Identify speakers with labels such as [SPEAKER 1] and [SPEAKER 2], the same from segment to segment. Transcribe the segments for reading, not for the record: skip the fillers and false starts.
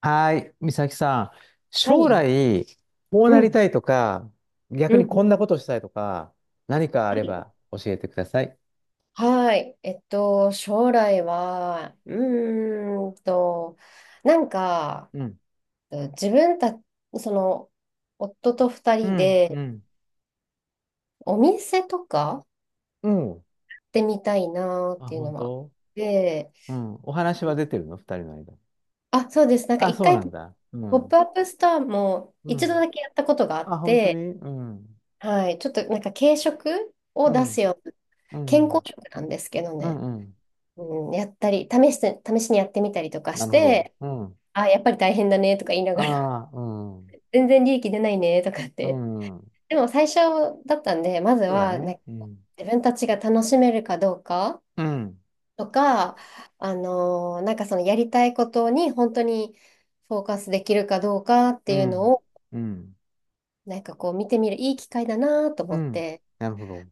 [SPEAKER 1] はい、美咲さん。
[SPEAKER 2] は
[SPEAKER 1] 将
[SPEAKER 2] い。
[SPEAKER 1] 来、こう
[SPEAKER 2] う
[SPEAKER 1] なり
[SPEAKER 2] ん。
[SPEAKER 1] たいとか、
[SPEAKER 2] う
[SPEAKER 1] 逆
[SPEAKER 2] んう
[SPEAKER 1] にこん
[SPEAKER 2] ん。
[SPEAKER 1] なことしたいとか、何かあ
[SPEAKER 2] は
[SPEAKER 1] れ
[SPEAKER 2] い。
[SPEAKER 1] ば教えてください。
[SPEAKER 2] はい。将来は、ーんと、なんか、
[SPEAKER 1] うん。
[SPEAKER 2] 自分た、その、夫と二
[SPEAKER 1] う
[SPEAKER 2] 人
[SPEAKER 1] ん、う
[SPEAKER 2] で、
[SPEAKER 1] ん、
[SPEAKER 2] お店とか
[SPEAKER 1] うん。
[SPEAKER 2] 行ってみたいなっ
[SPEAKER 1] あ、
[SPEAKER 2] ていう
[SPEAKER 1] 本
[SPEAKER 2] のは。
[SPEAKER 1] 当、
[SPEAKER 2] で、
[SPEAKER 1] うん。お話は出てるの二人の間。
[SPEAKER 2] あ、そうです。なんか
[SPEAKER 1] あ、
[SPEAKER 2] 一
[SPEAKER 1] そう
[SPEAKER 2] 回、
[SPEAKER 1] なんだ。う
[SPEAKER 2] ポップ
[SPEAKER 1] ん。
[SPEAKER 2] アップストアも
[SPEAKER 1] う
[SPEAKER 2] 一度
[SPEAKER 1] ん。
[SPEAKER 2] だけやったことがあっ
[SPEAKER 1] あ、本当に、
[SPEAKER 2] て、
[SPEAKER 1] うん。
[SPEAKER 2] はい。ちょっとなんか軽食を
[SPEAKER 1] う
[SPEAKER 2] 出す
[SPEAKER 1] ん。
[SPEAKER 2] ような、
[SPEAKER 1] う
[SPEAKER 2] 健康
[SPEAKER 1] ん。
[SPEAKER 2] 食なんですけど
[SPEAKER 1] う
[SPEAKER 2] ね。
[SPEAKER 1] ん。うん、
[SPEAKER 2] うん、やったり、試しにやってみたりとか
[SPEAKER 1] な
[SPEAKER 2] し
[SPEAKER 1] るほど。
[SPEAKER 2] て、
[SPEAKER 1] うん。
[SPEAKER 2] あ、やっぱり大変だねとか言いながら、
[SPEAKER 1] ああ、うん。
[SPEAKER 2] 全然利益出ないねとかっ
[SPEAKER 1] う
[SPEAKER 2] て。
[SPEAKER 1] ん。
[SPEAKER 2] でも最初だったんで、まず
[SPEAKER 1] そうだ
[SPEAKER 2] は、なん
[SPEAKER 1] ね。
[SPEAKER 2] か、
[SPEAKER 1] うん。
[SPEAKER 2] 自分たちが楽しめるかどうか
[SPEAKER 1] うん。
[SPEAKER 2] とか、なんかそのやりたいことに本当にフォーカスできるかどうかって
[SPEAKER 1] う
[SPEAKER 2] いうの
[SPEAKER 1] ん。
[SPEAKER 2] を、
[SPEAKER 1] うん。
[SPEAKER 2] なんかこう見てみるいい機会だなと
[SPEAKER 1] う
[SPEAKER 2] 思っ
[SPEAKER 1] ん。
[SPEAKER 2] て、
[SPEAKER 1] なるほど。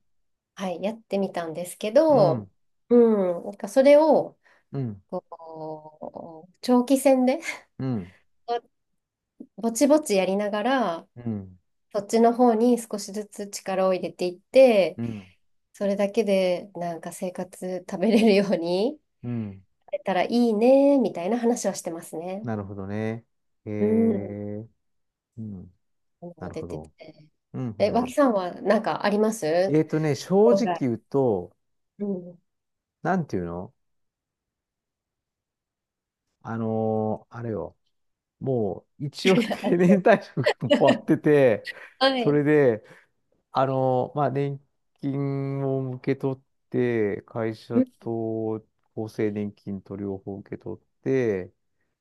[SPEAKER 2] はい、やってみたんですけ
[SPEAKER 1] う
[SPEAKER 2] ど、
[SPEAKER 1] ん。
[SPEAKER 2] うん、なんかそれを、
[SPEAKER 1] うん、
[SPEAKER 2] こう、長期戦で
[SPEAKER 1] うん、
[SPEAKER 2] ぼちぼちやりながら、
[SPEAKER 1] うん、
[SPEAKER 2] そっちの方に少しずつ力を入れていって、
[SPEAKER 1] うん、
[SPEAKER 2] それだけでなんか生活食べれるように
[SPEAKER 1] うん。
[SPEAKER 2] なれたらいいね、みたいな話はしてますね。
[SPEAKER 1] なるほどね。え
[SPEAKER 2] うん。
[SPEAKER 1] ー、うん、なる
[SPEAKER 2] 出
[SPEAKER 1] ほ
[SPEAKER 2] てて。
[SPEAKER 1] ど。うん、う
[SPEAKER 2] え、脇
[SPEAKER 1] ん。
[SPEAKER 2] さんはなんかあります、
[SPEAKER 1] えーとね、正
[SPEAKER 2] 将
[SPEAKER 1] 直
[SPEAKER 2] 来？
[SPEAKER 1] 言うと、
[SPEAKER 2] うん。
[SPEAKER 1] なんていうのあれよ。もう、一応定 年退職も終わってて、
[SPEAKER 2] は
[SPEAKER 1] そ
[SPEAKER 2] い。
[SPEAKER 1] れで、まあ、年金を受け取って、会
[SPEAKER 2] う
[SPEAKER 1] 社
[SPEAKER 2] ん、
[SPEAKER 1] と厚生年金と両方受け取って、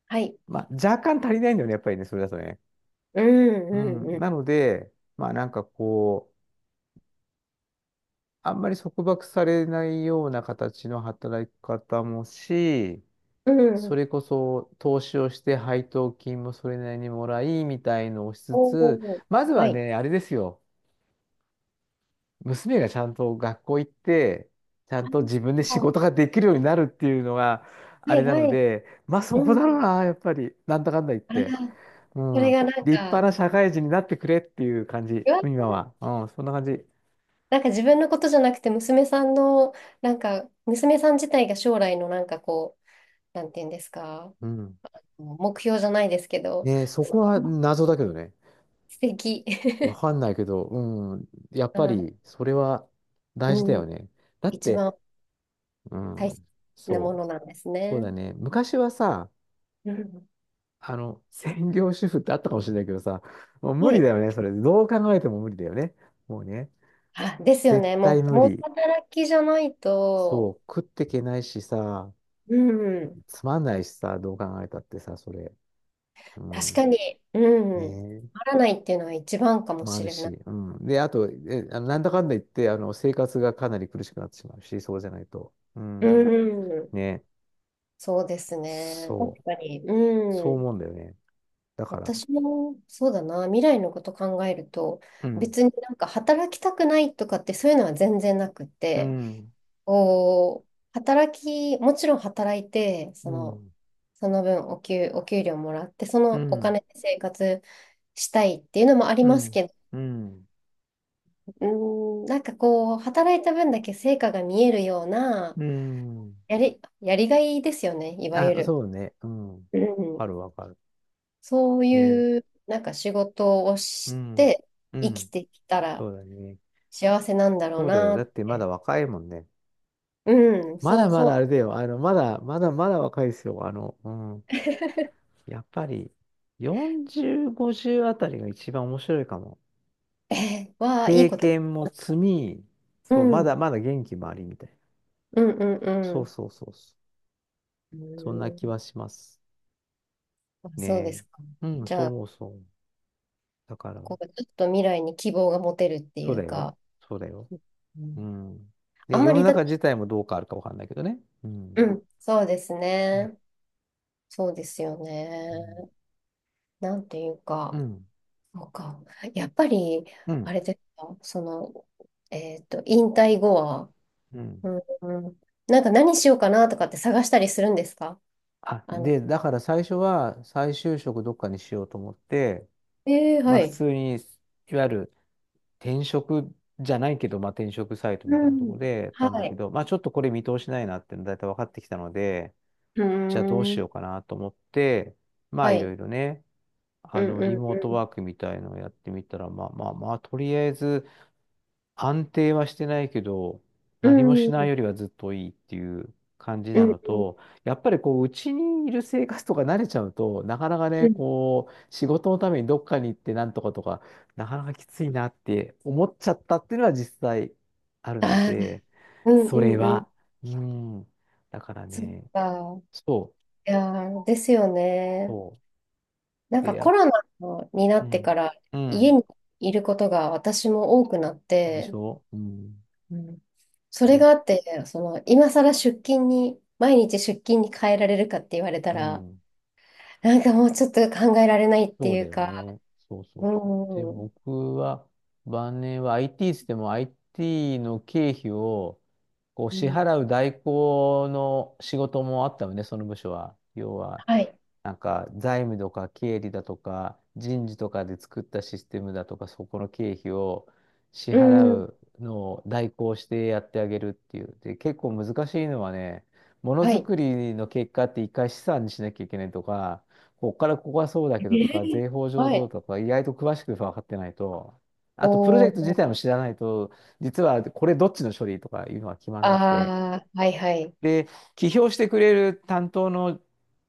[SPEAKER 2] はい。
[SPEAKER 1] まあ、若干足りないんだよね、やっぱりね、それだとね。
[SPEAKER 2] う
[SPEAKER 1] うん、
[SPEAKER 2] んうん
[SPEAKER 1] なので、まあなんかこう、あんまり束縛されないような形の働き方もし、
[SPEAKER 2] うん。う
[SPEAKER 1] そ
[SPEAKER 2] ん。
[SPEAKER 1] れこそ投資をして配当金もそれなりにもらい、みたいのをしつ
[SPEAKER 2] お
[SPEAKER 1] つ、
[SPEAKER 2] ー。
[SPEAKER 1] まず
[SPEAKER 2] は
[SPEAKER 1] は
[SPEAKER 2] い。
[SPEAKER 1] ね、あれですよ。娘がちゃんと学校行って、ちゃん
[SPEAKER 2] あ、
[SPEAKER 1] と自分で仕
[SPEAKER 2] そ
[SPEAKER 1] 事ができるようになるっていうのが、
[SPEAKER 2] う、
[SPEAKER 1] あ
[SPEAKER 2] は
[SPEAKER 1] れ
[SPEAKER 2] い
[SPEAKER 1] なの
[SPEAKER 2] はい。
[SPEAKER 1] で、まあそ
[SPEAKER 2] う
[SPEAKER 1] こ
[SPEAKER 2] ん。
[SPEAKER 1] だろうな、やっぱり。なんだかんだ言っ
[SPEAKER 2] あら、
[SPEAKER 1] て。う
[SPEAKER 2] それ
[SPEAKER 1] ん。
[SPEAKER 2] がなん
[SPEAKER 1] 立派
[SPEAKER 2] か、
[SPEAKER 1] な社会人になってくれっていう感じ、
[SPEAKER 2] うわー、
[SPEAKER 1] 今は。うん、そんな感じ。
[SPEAKER 2] なんか自分のことじゃなくて、娘さんの、なんか、娘さん自体が将来のなんかこう、なんていうんですか、
[SPEAKER 1] うん。
[SPEAKER 2] 目標じゃないですけど、
[SPEAKER 1] ねえ、そこは謎だけどね。
[SPEAKER 2] 素敵。
[SPEAKER 1] わ かんないけど、うん。やっぱ
[SPEAKER 2] あ、
[SPEAKER 1] り、それは大事だ
[SPEAKER 2] う
[SPEAKER 1] よ
[SPEAKER 2] ん、
[SPEAKER 1] ね。だっ
[SPEAKER 2] 一番
[SPEAKER 1] て、う
[SPEAKER 2] 大切
[SPEAKER 1] ん。
[SPEAKER 2] なも
[SPEAKER 1] そ
[SPEAKER 2] のなんです
[SPEAKER 1] う。そう
[SPEAKER 2] ね。
[SPEAKER 1] だね。昔はさ、
[SPEAKER 2] うん、
[SPEAKER 1] あの、専業主婦ってあったかもしれないけどさ、もう無
[SPEAKER 2] は
[SPEAKER 1] 理だ
[SPEAKER 2] い。
[SPEAKER 1] よね。それ、どう考えても無理だよね。もうね、
[SPEAKER 2] あ、ですよ
[SPEAKER 1] 絶
[SPEAKER 2] ね。
[SPEAKER 1] 対
[SPEAKER 2] もう、
[SPEAKER 1] 無
[SPEAKER 2] 共
[SPEAKER 1] 理。
[SPEAKER 2] 働きじゃない
[SPEAKER 1] そう、
[SPEAKER 2] と、
[SPEAKER 1] 食ってけないしさ、
[SPEAKER 2] うん、
[SPEAKER 1] つまんないしさ、どう考えたってさ、それ。う
[SPEAKER 2] 確
[SPEAKER 1] ん。
[SPEAKER 2] かに、うん、
[SPEAKER 1] ね
[SPEAKER 2] あらないっていうのは一番かも
[SPEAKER 1] もあ
[SPEAKER 2] し
[SPEAKER 1] る
[SPEAKER 2] れ
[SPEAKER 1] し、
[SPEAKER 2] ない。
[SPEAKER 1] うん。で、あと、え、あのなんだかんだ言って、あの、生活がかなり苦しくなってしまうし、そうじゃないと。う
[SPEAKER 2] う
[SPEAKER 1] ん。
[SPEAKER 2] ん、
[SPEAKER 1] ね。
[SPEAKER 2] そうですね。
[SPEAKER 1] そ
[SPEAKER 2] 確
[SPEAKER 1] う。
[SPEAKER 2] かに。
[SPEAKER 1] そう
[SPEAKER 2] うん。
[SPEAKER 1] 思うんだよね。だから。
[SPEAKER 2] 私もそうだな、未来のこと考えると、
[SPEAKER 1] うん。
[SPEAKER 2] 別になんか働きたくないとかってそういうのは全然なくっ
[SPEAKER 1] う
[SPEAKER 2] て、
[SPEAKER 1] ん。
[SPEAKER 2] こう、もちろん働いて、
[SPEAKER 1] うん。
[SPEAKER 2] その分お給料もらって、そ
[SPEAKER 1] う
[SPEAKER 2] のお
[SPEAKER 1] ん。
[SPEAKER 2] 金で生活したいっていうのもあり
[SPEAKER 1] う
[SPEAKER 2] ます
[SPEAKER 1] ん。
[SPEAKER 2] けど、
[SPEAKER 1] うん。
[SPEAKER 2] うーん、なんかこう、働いた分だけ成果が見えるような、
[SPEAKER 1] うん。
[SPEAKER 2] やりがいですよね、いわゆ
[SPEAKER 1] あ、
[SPEAKER 2] る。
[SPEAKER 1] そうね。うん。わ
[SPEAKER 2] う
[SPEAKER 1] か
[SPEAKER 2] ん、
[SPEAKER 1] るわかる。
[SPEAKER 2] そう
[SPEAKER 1] ね。
[SPEAKER 2] いう、なんか仕事を
[SPEAKER 1] う
[SPEAKER 2] し
[SPEAKER 1] ん。
[SPEAKER 2] て
[SPEAKER 1] う
[SPEAKER 2] 生き
[SPEAKER 1] ん。
[SPEAKER 2] てきたら、
[SPEAKER 1] そうだね。
[SPEAKER 2] 幸せなんだろう
[SPEAKER 1] そうだよ。だ
[SPEAKER 2] な。
[SPEAKER 1] ってまだ若いもんね。
[SPEAKER 2] うん、
[SPEAKER 1] ま
[SPEAKER 2] そ
[SPEAKER 1] だ
[SPEAKER 2] う
[SPEAKER 1] ま
[SPEAKER 2] そ
[SPEAKER 1] だ
[SPEAKER 2] う。
[SPEAKER 1] あれだよ。あの、まだ、まだまだ若いですよ。あの、うん。やっぱり40、50あたりが一番面白いかも。
[SPEAKER 2] えー、わあ、いい
[SPEAKER 1] 経
[SPEAKER 2] こと。
[SPEAKER 1] 験も積み、
[SPEAKER 2] う
[SPEAKER 1] そう、
[SPEAKER 2] ん、う
[SPEAKER 1] まだ
[SPEAKER 2] ん、
[SPEAKER 1] まだ元気もありみたいな。
[SPEAKER 2] うん、
[SPEAKER 1] そ
[SPEAKER 2] う
[SPEAKER 1] う
[SPEAKER 2] ん。
[SPEAKER 1] そうそうそ
[SPEAKER 2] う
[SPEAKER 1] う。そんな
[SPEAKER 2] ん、
[SPEAKER 1] 気はします
[SPEAKER 2] あ、
[SPEAKER 1] ね
[SPEAKER 2] そうですか。
[SPEAKER 1] え。うん、
[SPEAKER 2] じ
[SPEAKER 1] そう
[SPEAKER 2] ゃあ、
[SPEAKER 1] 思うそう思う。だから、
[SPEAKER 2] こう、ちょっと未来に希望が持てるって
[SPEAKER 1] そ
[SPEAKER 2] い
[SPEAKER 1] うだ
[SPEAKER 2] う
[SPEAKER 1] よ。
[SPEAKER 2] か、
[SPEAKER 1] そうだよ。
[SPEAKER 2] う
[SPEAKER 1] う
[SPEAKER 2] ん、
[SPEAKER 1] ん。
[SPEAKER 2] あ
[SPEAKER 1] で、
[SPEAKER 2] んま
[SPEAKER 1] 世の
[SPEAKER 2] りだっ
[SPEAKER 1] 中
[SPEAKER 2] て、
[SPEAKER 1] 自体もどう変わるかわかんないけどね。う
[SPEAKER 2] う
[SPEAKER 1] ん。
[SPEAKER 2] ん、そうです
[SPEAKER 1] ね。
[SPEAKER 2] ね。そうですよね。なんていう
[SPEAKER 1] う
[SPEAKER 2] か、
[SPEAKER 1] ん。
[SPEAKER 2] そうか。やっぱり、
[SPEAKER 1] う
[SPEAKER 2] あ
[SPEAKER 1] ん。
[SPEAKER 2] れですか、その、引退後は、
[SPEAKER 1] うん。
[SPEAKER 2] うん、うん、なんか何しようかなとかって探したりするんですか？
[SPEAKER 1] あ、
[SPEAKER 2] あの、
[SPEAKER 1] で、だから最初は再就職どっかにしようと思って、
[SPEAKER 2] えー、
[SPEAKER 1] まあ
[SPEAKER 2] は
[SPEAKER 1] 普
[SPEAKER 2] い。
[SPEAKER 1] 通に、いわゆる転職じゃないけど、まあ、転職サイトみたい
[SPEAKER 2] う
[SPEAKER 1] なとこ
[SPEAKER 2] ん。
[SPEAKER 1] ろでやったんだ
[SPEAKER 2] は
[SPEAKER 1] け
[SPEAKER 2] い。
[SPEAKER 1] ど、まあ、ちょっとこれ見通しないなっていうのだいたい分かってきたので、
[SPEAKER 2] うー
[SPEAKER 1] じゃあどうし
[SPEAKER 2] ん。
[SPEAKER 1] ようかなと思って、まあ、
[SPEAKER 2] は
[SPEAKER 1] いろ
[SPEAKER 2] い。
[SPEAKER 1] いろね、
[SPEAKER 2] う
[SPEAKER 1] あの、
[SPEAKER 2] ん
[SPEAKER 1] リ
[SPEAKER 2] うん
[SPEAKER 1] モート
[SPEAKER 2] う
[SPEAKER 1] ワークみたいのをやってみたら、まあまあまあ、とりあえず、安定はしてないけど、
[SPEAKER 2] ん。
[SPEAKER 1] 何も
[SPEAKER 2] う
[SPEAKER 1] しない
[SPEAKER 2] ん。
[SPEAKER 1] よりはずっといいっていう感じ
[SPEAKER 2] う
[SPEAKER 1] な
[SPEAKER 2] ん
[SPEAKER 1] の
[SPEAKER 2] うん
[SPEAKER 1] と、やっぱりこう、うちにいる生活とか慣れちゃうと、なかなか
[SPEAKER 2] う
[SPEAKER 1] ね、
[SPEAKER 2] ん。
[SPEAKER 1] こう、仕事のためにどっかに行ってなんとかとか、なかなかきついなって思っちゃったっていうのは実際あるの
[SPEAKER 2] あー、
[SPEAKER 1] で、
[SPEAKER 2] うん
[SPEAKER 1] それ
[SPEAKER 2] うんうん。
[SPEAKER 1] は、うん。だから
[SPEAKER 2] そっ
[SPEAKER 1] ね、
[SPEAKER 2] か。
[SPEAKER 1] そう、
[SPEAKER 2] いやー、ですよね。
[SPEAKER 1] そ
[SPEAKER 2] なん
[SPEAKER 1] う。で、
[SPEAKER 2] かコ
[SPEAKER 1] や、
[SPEAKER 2] ロナにな
[SPEAKER 1] う
[SPEAKER 2] ってか
[SPEAKER 1] ん、
[SPEAKER 2] ら
[SPEAKER 1] う
[SPEAKER 2] 家
[SPEAKER 1] ん。
[SPEAKER 2] にいることが私も多くなっ
[SPEAKER 1] でし
[SPEAKER 2] て、
[SPEAKER 1] ょうん。
[SPEAKER 2] うん、それ
[SPEAKER 1] で、
[SPEAKER 2] があって、その今更出勤に、毎日出勤に変えられるかって言われた
[SPEAKER 1] う
[SPEAKER 2] ら、
[SPEAKER 1] ん。
[SPEAKER 2] なんかもうちょっと考えられないって
[SPEAKER 1] そう
[SPEAKER 2] い
[SPEAKER 1] だ
[SPEAKER 2] う
[SPEAKER 1] よ
[SPEAKER 2] か、
[SPEAKER 1] ね。そう。で、僕は、晩年は IT っつっても IT の経費をこう
[SPEAKER 2] うん。う
[SPEAKER 1] 支
[SPEAKER 2] ん、
[SPEAKER 1] 払う代行の仕事もあったのね、その部署は。要は、
[SPEAKER 2] はい。
[SPEAKER 1] なんか財務とか経理だとか人事とかで作ったシステムだとかそこの経費を支
[SPEAKER 2] う
[SPEAKER 1] 払
[SPEAKER 2] ん。
[SPEAKER 1] うのを代行してやってあげるっていう。で、結構難しいのはね、もの
[SPEAKER 2] は
[SPEAKER 1] づ
[SPEAKER 2] い。
[SPEAKER 1] くりの結果って一回資産にしなきゃいけないとか、こっからここはそうだ
[SPEAKER 2] え
[SPEAKER 1] けどとか、
[SPEAKER 2] ー
[SPEAKER 1] 税法上
[SPEAKER 2] は
[SPEAKER 1] どう
[SPEAKER 2] い。
[SPEAKER 1] とか、意外と詳しく分かってないと、あとプロジェ
[SPEAKER 2] お
[SPEAKER 1] クト自
[SPEAKER 2] ー、
[SPEAKER 1] 体も知らないと、実はこれどっちの処理とかいうのは決まんなくて、
[SPEAKER 2] あー、はいはい。
[SPEAKER 1] で、起業してくれる担当の、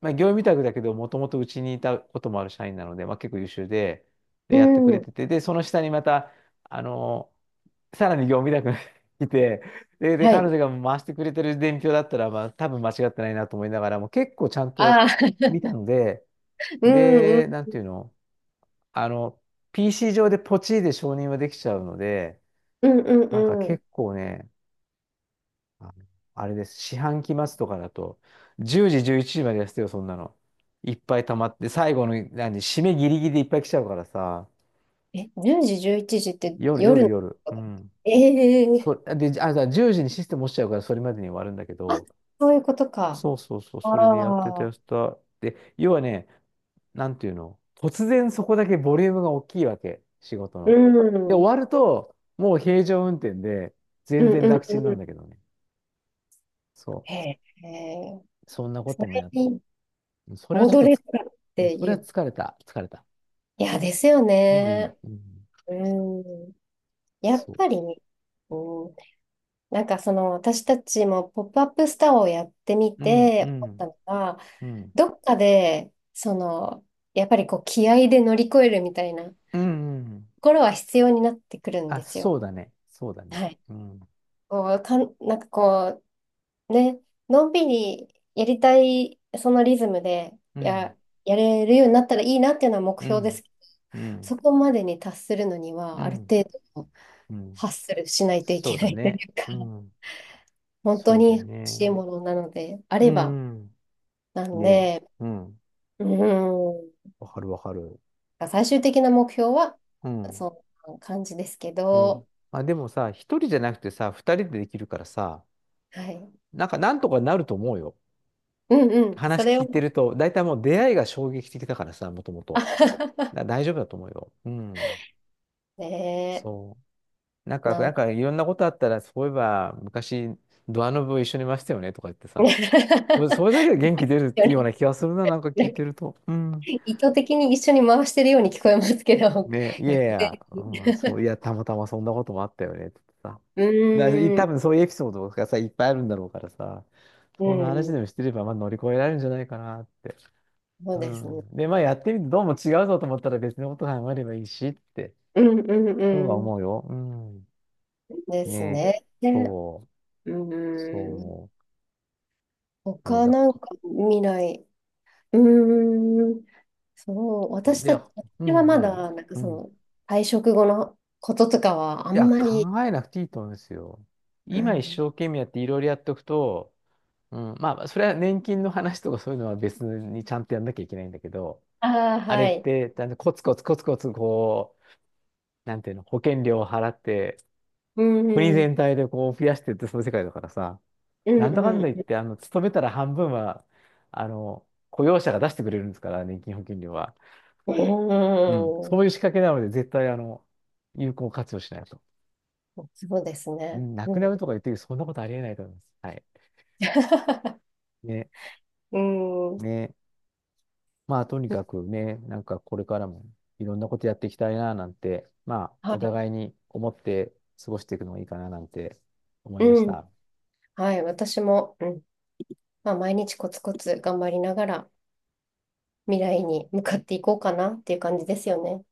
[SPEAKER 1] まあ、業務委託だけど、もともとうちにいたこともある社員なので、まあ、結構優秀で、で、
[SPEAKER 2] う
[SPEAKER 1] やってくれ
[SPEAKER 2] ん、
[SPEAKER 1] てて、で、その下にまた、あの、さらに業務委託がいて、で、
[SPEAKER 2] はい。
[SPEAKER 1] 彼女が回してくれてる伝票だったら、まあ、多分間違ってないなと思いながらも、結構ちゃんと
[SPEAKER 2] あー、
[SPEAKER 1] 見たので、
[SPEAKER 2] うんう
[SPEAKER 1] で、
[SPEAKER 2] ん、
[SPEAKER 1] なんていうの、あの、PC 上でポチで承認はできちゃうので、
[SPEAKER 2] うんう
[SPEAKER 1] なんか
[SPEAKER 2] んうん。
[SPEAKER 1] 結構ね、あのあれです。四半期末とかだと、10時、11時までやってたよ、そんなの。いっぱい溜まって、最後の、何、締めギリギリでいっぱい来ちゃうからさ、
[SPEAKER 2] え、10時、11時って
[SPEAKER 1] 夜、
[SPEAKER 2] 夜
[SPEAKER 1] 夜、
[SPEAKER 2] のこ
[SPEAKER 1] 夜。
[SPEAKER 2] と
[SPEAKER 1] う
[SPEAKER 2] だっ
[SPEAKER 1] ん。
[SPEAKER 2] け？ええー、
[SPEAKER 1] そ、で、あ、だ10時にシステム落ちちゃうから、それまでに終わるんだけ
[SPEAKER 2] あ、
[SPEAKER 1] ど、
[SPEAKER 2] そういうことか。
[SPEAKER 1] そう、それでやって
[SPEAKER 2] あ
[SPEAKER 1] た、やっ
[SPEAKER 2] あ、
[SPEAKER 1] てた。で、要はね、なんていうの、突然そこだけボリュームが大きいわけ、仕事
[SPEAKER 2] う
[SPEAKER 1] の。
[SPEAKER 2] ん、
[SPEAKER 1] で、
[SPEAKER 2] うん
[SPEAKER 1] 終わると、もう平常運転で、
[SPEAKER 2] う
[SPEAKER 1] 全
[SPEAKER 2] ん
[SPEAKER 1] 然楽ちんな
[SPEAKER 2] う
[SPEAKER 1] んだけ
[SPEAKER 2] ん。
[SPEAKER 1] どね。そ
[SPEAKER 2] へえ、へえ、
[SPEAKER 1] う。そんなこ
[SPEAKER 2] そ
[SPEAKER 1] とも
[SPEAKER 2] れ
[SPEAKER 1] やっ
[SPEAKER 2] に
[SPEAKER 1] それはちょっ
[SPEAKER 2] 戻
[SPEAKER 1] と
[SPEAKER 2] れるかっ
[SPEAKER 1] うん
[SPEAKER 2] て
[SPEAKER 1] それ
[SPEAKER 2] い
[SPEAKER 1] は
[SPEAKER 2] う。
[SPEAKER 1] 疲れた。疲れた。
[SPEAKER 2] いや、ですよ
[SPEAKER 1] もういい。
[SPEAKER 2] ね。
[SPEAKER 1] うん、
[SPEAKER 2] うん。やっ
[SPEAKER 1] そう。
[SPEAKER 2] ぱりね、うん、なんかその私たちもポップアップスターをやってみ
[SPEAKER 1] うん、う
[SPEAKER 2] て思っ
[SPEAKER 1] ん、
[SPEAKER 2] たのが、
[SPEAKER 1] うん、
[SPEAKER 2] どっかでそのやっぱりこう気合で乗り越えるみたいなと
[SPEAKER 1] うん、うん。
[SPEAKER 2] ころは必要になってくるん
[SPEAKER 1] あ、
[SPEAKER 2] です
[SPEAKER 1] そ
[SPEAKER 2] よ。
[SPEAKER 1] うだね。そうだね。
[SPEAKER 2] はい。
[SPEAKER 1] うん。
[SPEAKER 2] こうかん、なんかこうね、のんびりやりたいそのリズムで
[SPEAKER 1] うん、
[SPEAKER 2] やれるようになったらいいなっていうのは目
[SPEAKER 1] う
[SPEAKER 2] 標で
[SPEAKER 1] ん、
[SPEAKER 2] すけど、
[SPEAKER 1] うん、
[SPEAKER 2] そこまでに達するのに
[SPEAKER 1] う
[SPEAKER 2] はある
[SPEAKER 1] ん、
[SPEAKER 2] 程度
[SPEAKER 1] うん、
[SPEAKER 2] ハッスルしないとい
[SPEAKER 1] そ
[SPEAKER 2] け
[SPEAKER 1] う
[SPEAKER 2] な
[SPEAKER 1] だ
[SPEAKER 2] いとい
[SPEAKER 1] ね。
[SPEAKER 2] うか、
[SPEAKER 1] うん、
[SPEAKER 2] 本当
[SPEAKER 1] そうだ
[SPEAKER 2] に
[SPEAKER 1] よ
[SPEAKER 2] 欲しい
[SPEAKER 1] ね。
[SPEAKER 2] ものなのであ
[SPEAKER 1] う
[SPEAKER 2] れば。
[SPEAKER 1] ん、
[SPEAKER 2] な
[SPEAKER 1] うん
[SPEAKER 2] ん
[SPEAKER 1] ね。
[SPEAKER 2] で、
[SPEAKER 1] うん、
[SPEAKER 2] う
[SPEAKER 1] わかるわかる。
[SPEAKER 2] ん、最終的な目標は、
[SPEAKER 1] うん。
[SPEAKER 2] そんな感じですけ
[SPEAKER 1] ね。
[SPEAKER 2] ど、
[SPEAKER 1] まあでもさ、一人じゃなくてさ、二人でできるからさ、
[SPEAKER 2] はい。
[SPEAKER 1] なんかなんとかなると思うよ。
[SPEAKER 2] うんうん、そ
[SPEAKER 1] 話
[SPEAKER 2] れ
[SPEAKER 1] 聞
[SPEAKER 2] を、
[SPEAKER 1] いてると、だいたいもう出会いが衝撃的だからさ、もともと。
[SPEAKER 2] あ
[SPEAKER 1] だ大丈夫だと思うよ。うん。
[SPEAKER 2] ねえ、
[SPEAKER 1] そう。なんか、
[SPEAKER 2] な
[SPEAKER 1] な
[SPEAKER 2] ん
[SPEAKER 1] んかいろんなことあったら、そういえば昔、ドアノブを一緒にいましたよねとか言ってさ。それ、それ だけで元気出るっていうような気がするな、なんか聞いてると。うん。
[SPEAKER 2] 意図的に一緒に回してるように聞こえますけど、
[SPEAKER 1] ね、い
[SPEAKER 2] 偶
[SPEAKER 1] やい
[SPEAKER 2] 然
[SPEAKER 1] や、
[SPEAKER 2] に、
[SPEAKER 1] うん、そう、いや、たまたまそんなこともあったよねってさ。
[SPEAKER 2] う
[SPEAKER 1] だ、
[SPEAKER 2] ー
[SPEAKER 1] 多
[SPEAKER 2] ん、
[SPEAKER 1] 分そういうエピソードがさ、いっぱいあるんだろうからさ、
[SPEAKER 2] う
[SPEAKER 1] そんな話
[SPEAKER 2] ん、
[SPEAKER 1] でもしてれば、まあ乗り越えられるんじゃないかなって。
[SPEAKER 2] そう
[SPEAKER 1] う
[SPEAKER 2] ですね。
[SPEAKER 1] ん。で、まあやってみてどうも違うぞと思ったら別のこと考えればいいしって、
[SPEAKER 2] うんうん
[SPEAKER 1] そうは
[SPEAKER 2] うん。
[SPEAKER 1] 思うよ。うん。
[SPEAKER 2] です
[SPEAKER 1] ね、
[SPEAKER 2] ね。ね、
[SPEAKER 1] そう、
[SPEAKER 2] う
[SPEAKER 1] そう
[SPEAKER 2] ーん。
[SPEAKER 1] 思う。ね、
[SPEAKER 2] 他
[SPEAKER 1] だ
[SPEAKER 2] なん
[SPEAKER 1] か
[SPEAKER 2] か未来。うーん。そう、
[SPEAKER 1] ら、
[SPEAKER 2] 私た
[SPEAKER 1] で、
[SPEAKER 2] ち、
[SPEAKER 1] う
[SPEAKER 2] 私は
[SPEAKER 1] ん、
[SPEAKER 2] ま
[SPEAKER 1] 何
[SPEAKER 2] だ、なんか
[SPEAKER 1] う
[SPEAKER 2] そ
[SPEAKER 1] ん。
[SPEAKER 2] の、退職後のこととかは、あ
[SPEAKER 1] い
[SPEAKER 2] ん
[SPEAKER 1] や、
[SPEAKER 2] まり、
[SPEAKER 1] 考えなくていいと思うんですよ。
[SPEAKER 2] う
[SPEAKER 1] 今一
[SPEAKER 2] ん、
[SPEAKER 1] 生懸命やっていろいろやっておくと、うん、まあ、それは年金の話とかそういうのは別にちゃんとやんなきゃいけないんだけど、
[SPEAKER 2] ああ、
[SPEAKER 1] あれ
[SPEAKER 2] は
[SPEAKER 1] っ
[SPEAKER 2] い。
[SPEAKER 1] て、だんだんコツコツこう、なんていうの、保険料を払って、
[SPEAKER 2] うん、
[SPEAKER 1] 国
[SPEAKER 2] うん、
[SPEAKER 1] 全体でこう増やしてってその世界だからさ、
[SPEAKER 2] う
[SPEAKER 1] なんだ
[SPEAKER 2] ん、
[SPEAKER 1] かん
[SPEAKER 2] う
[SPEAKER 1] だ言っ
[SPEAKER 2] ん、
[SPEAKER 1] て、あの、勤めたら半分は、あの、雇用者が出してくれるんですから、年金保険料は。うん。
[SPEAKER 2] う
[SPEAKER 1] そう
[SPEAKER 2] ん、
[SPEAKER 1] いう仕掛けなので、絶対、あの、有効活用しないと。
[SPEAKER 2] そうです
[SPEAKER 1] う
[SPEAKER 2] ね。
[SPEAKER 1] ん、な
[SPEAKER 2] う
[SPEAKER 1] く
[SPEAKER 2] ん、
[SPEAKER 1] なるとか言ってるけどそんなことありえないと思います。はい。ね、
[SPEAKER 2] うん、
[SPEAKER 1] ね。まあ、とにかくね、なんかこれからもいろんなことやっていきたいな、なんて、まあ、お
[SPEAKER 2] は
[SPEAKER 1] 互いに思って過ごしていくのがいいかな、なんて思い
[SPEAKER 2] い、
[SPEAKER 1] まし
[SPEAKER 2] うん、
[SPEAKER 1] た。
[SPEAKER 2] はい、私も、うん、まあ、毎日コツコツ頑張りながら、未来に向かっていこうかなっていう感じですよね。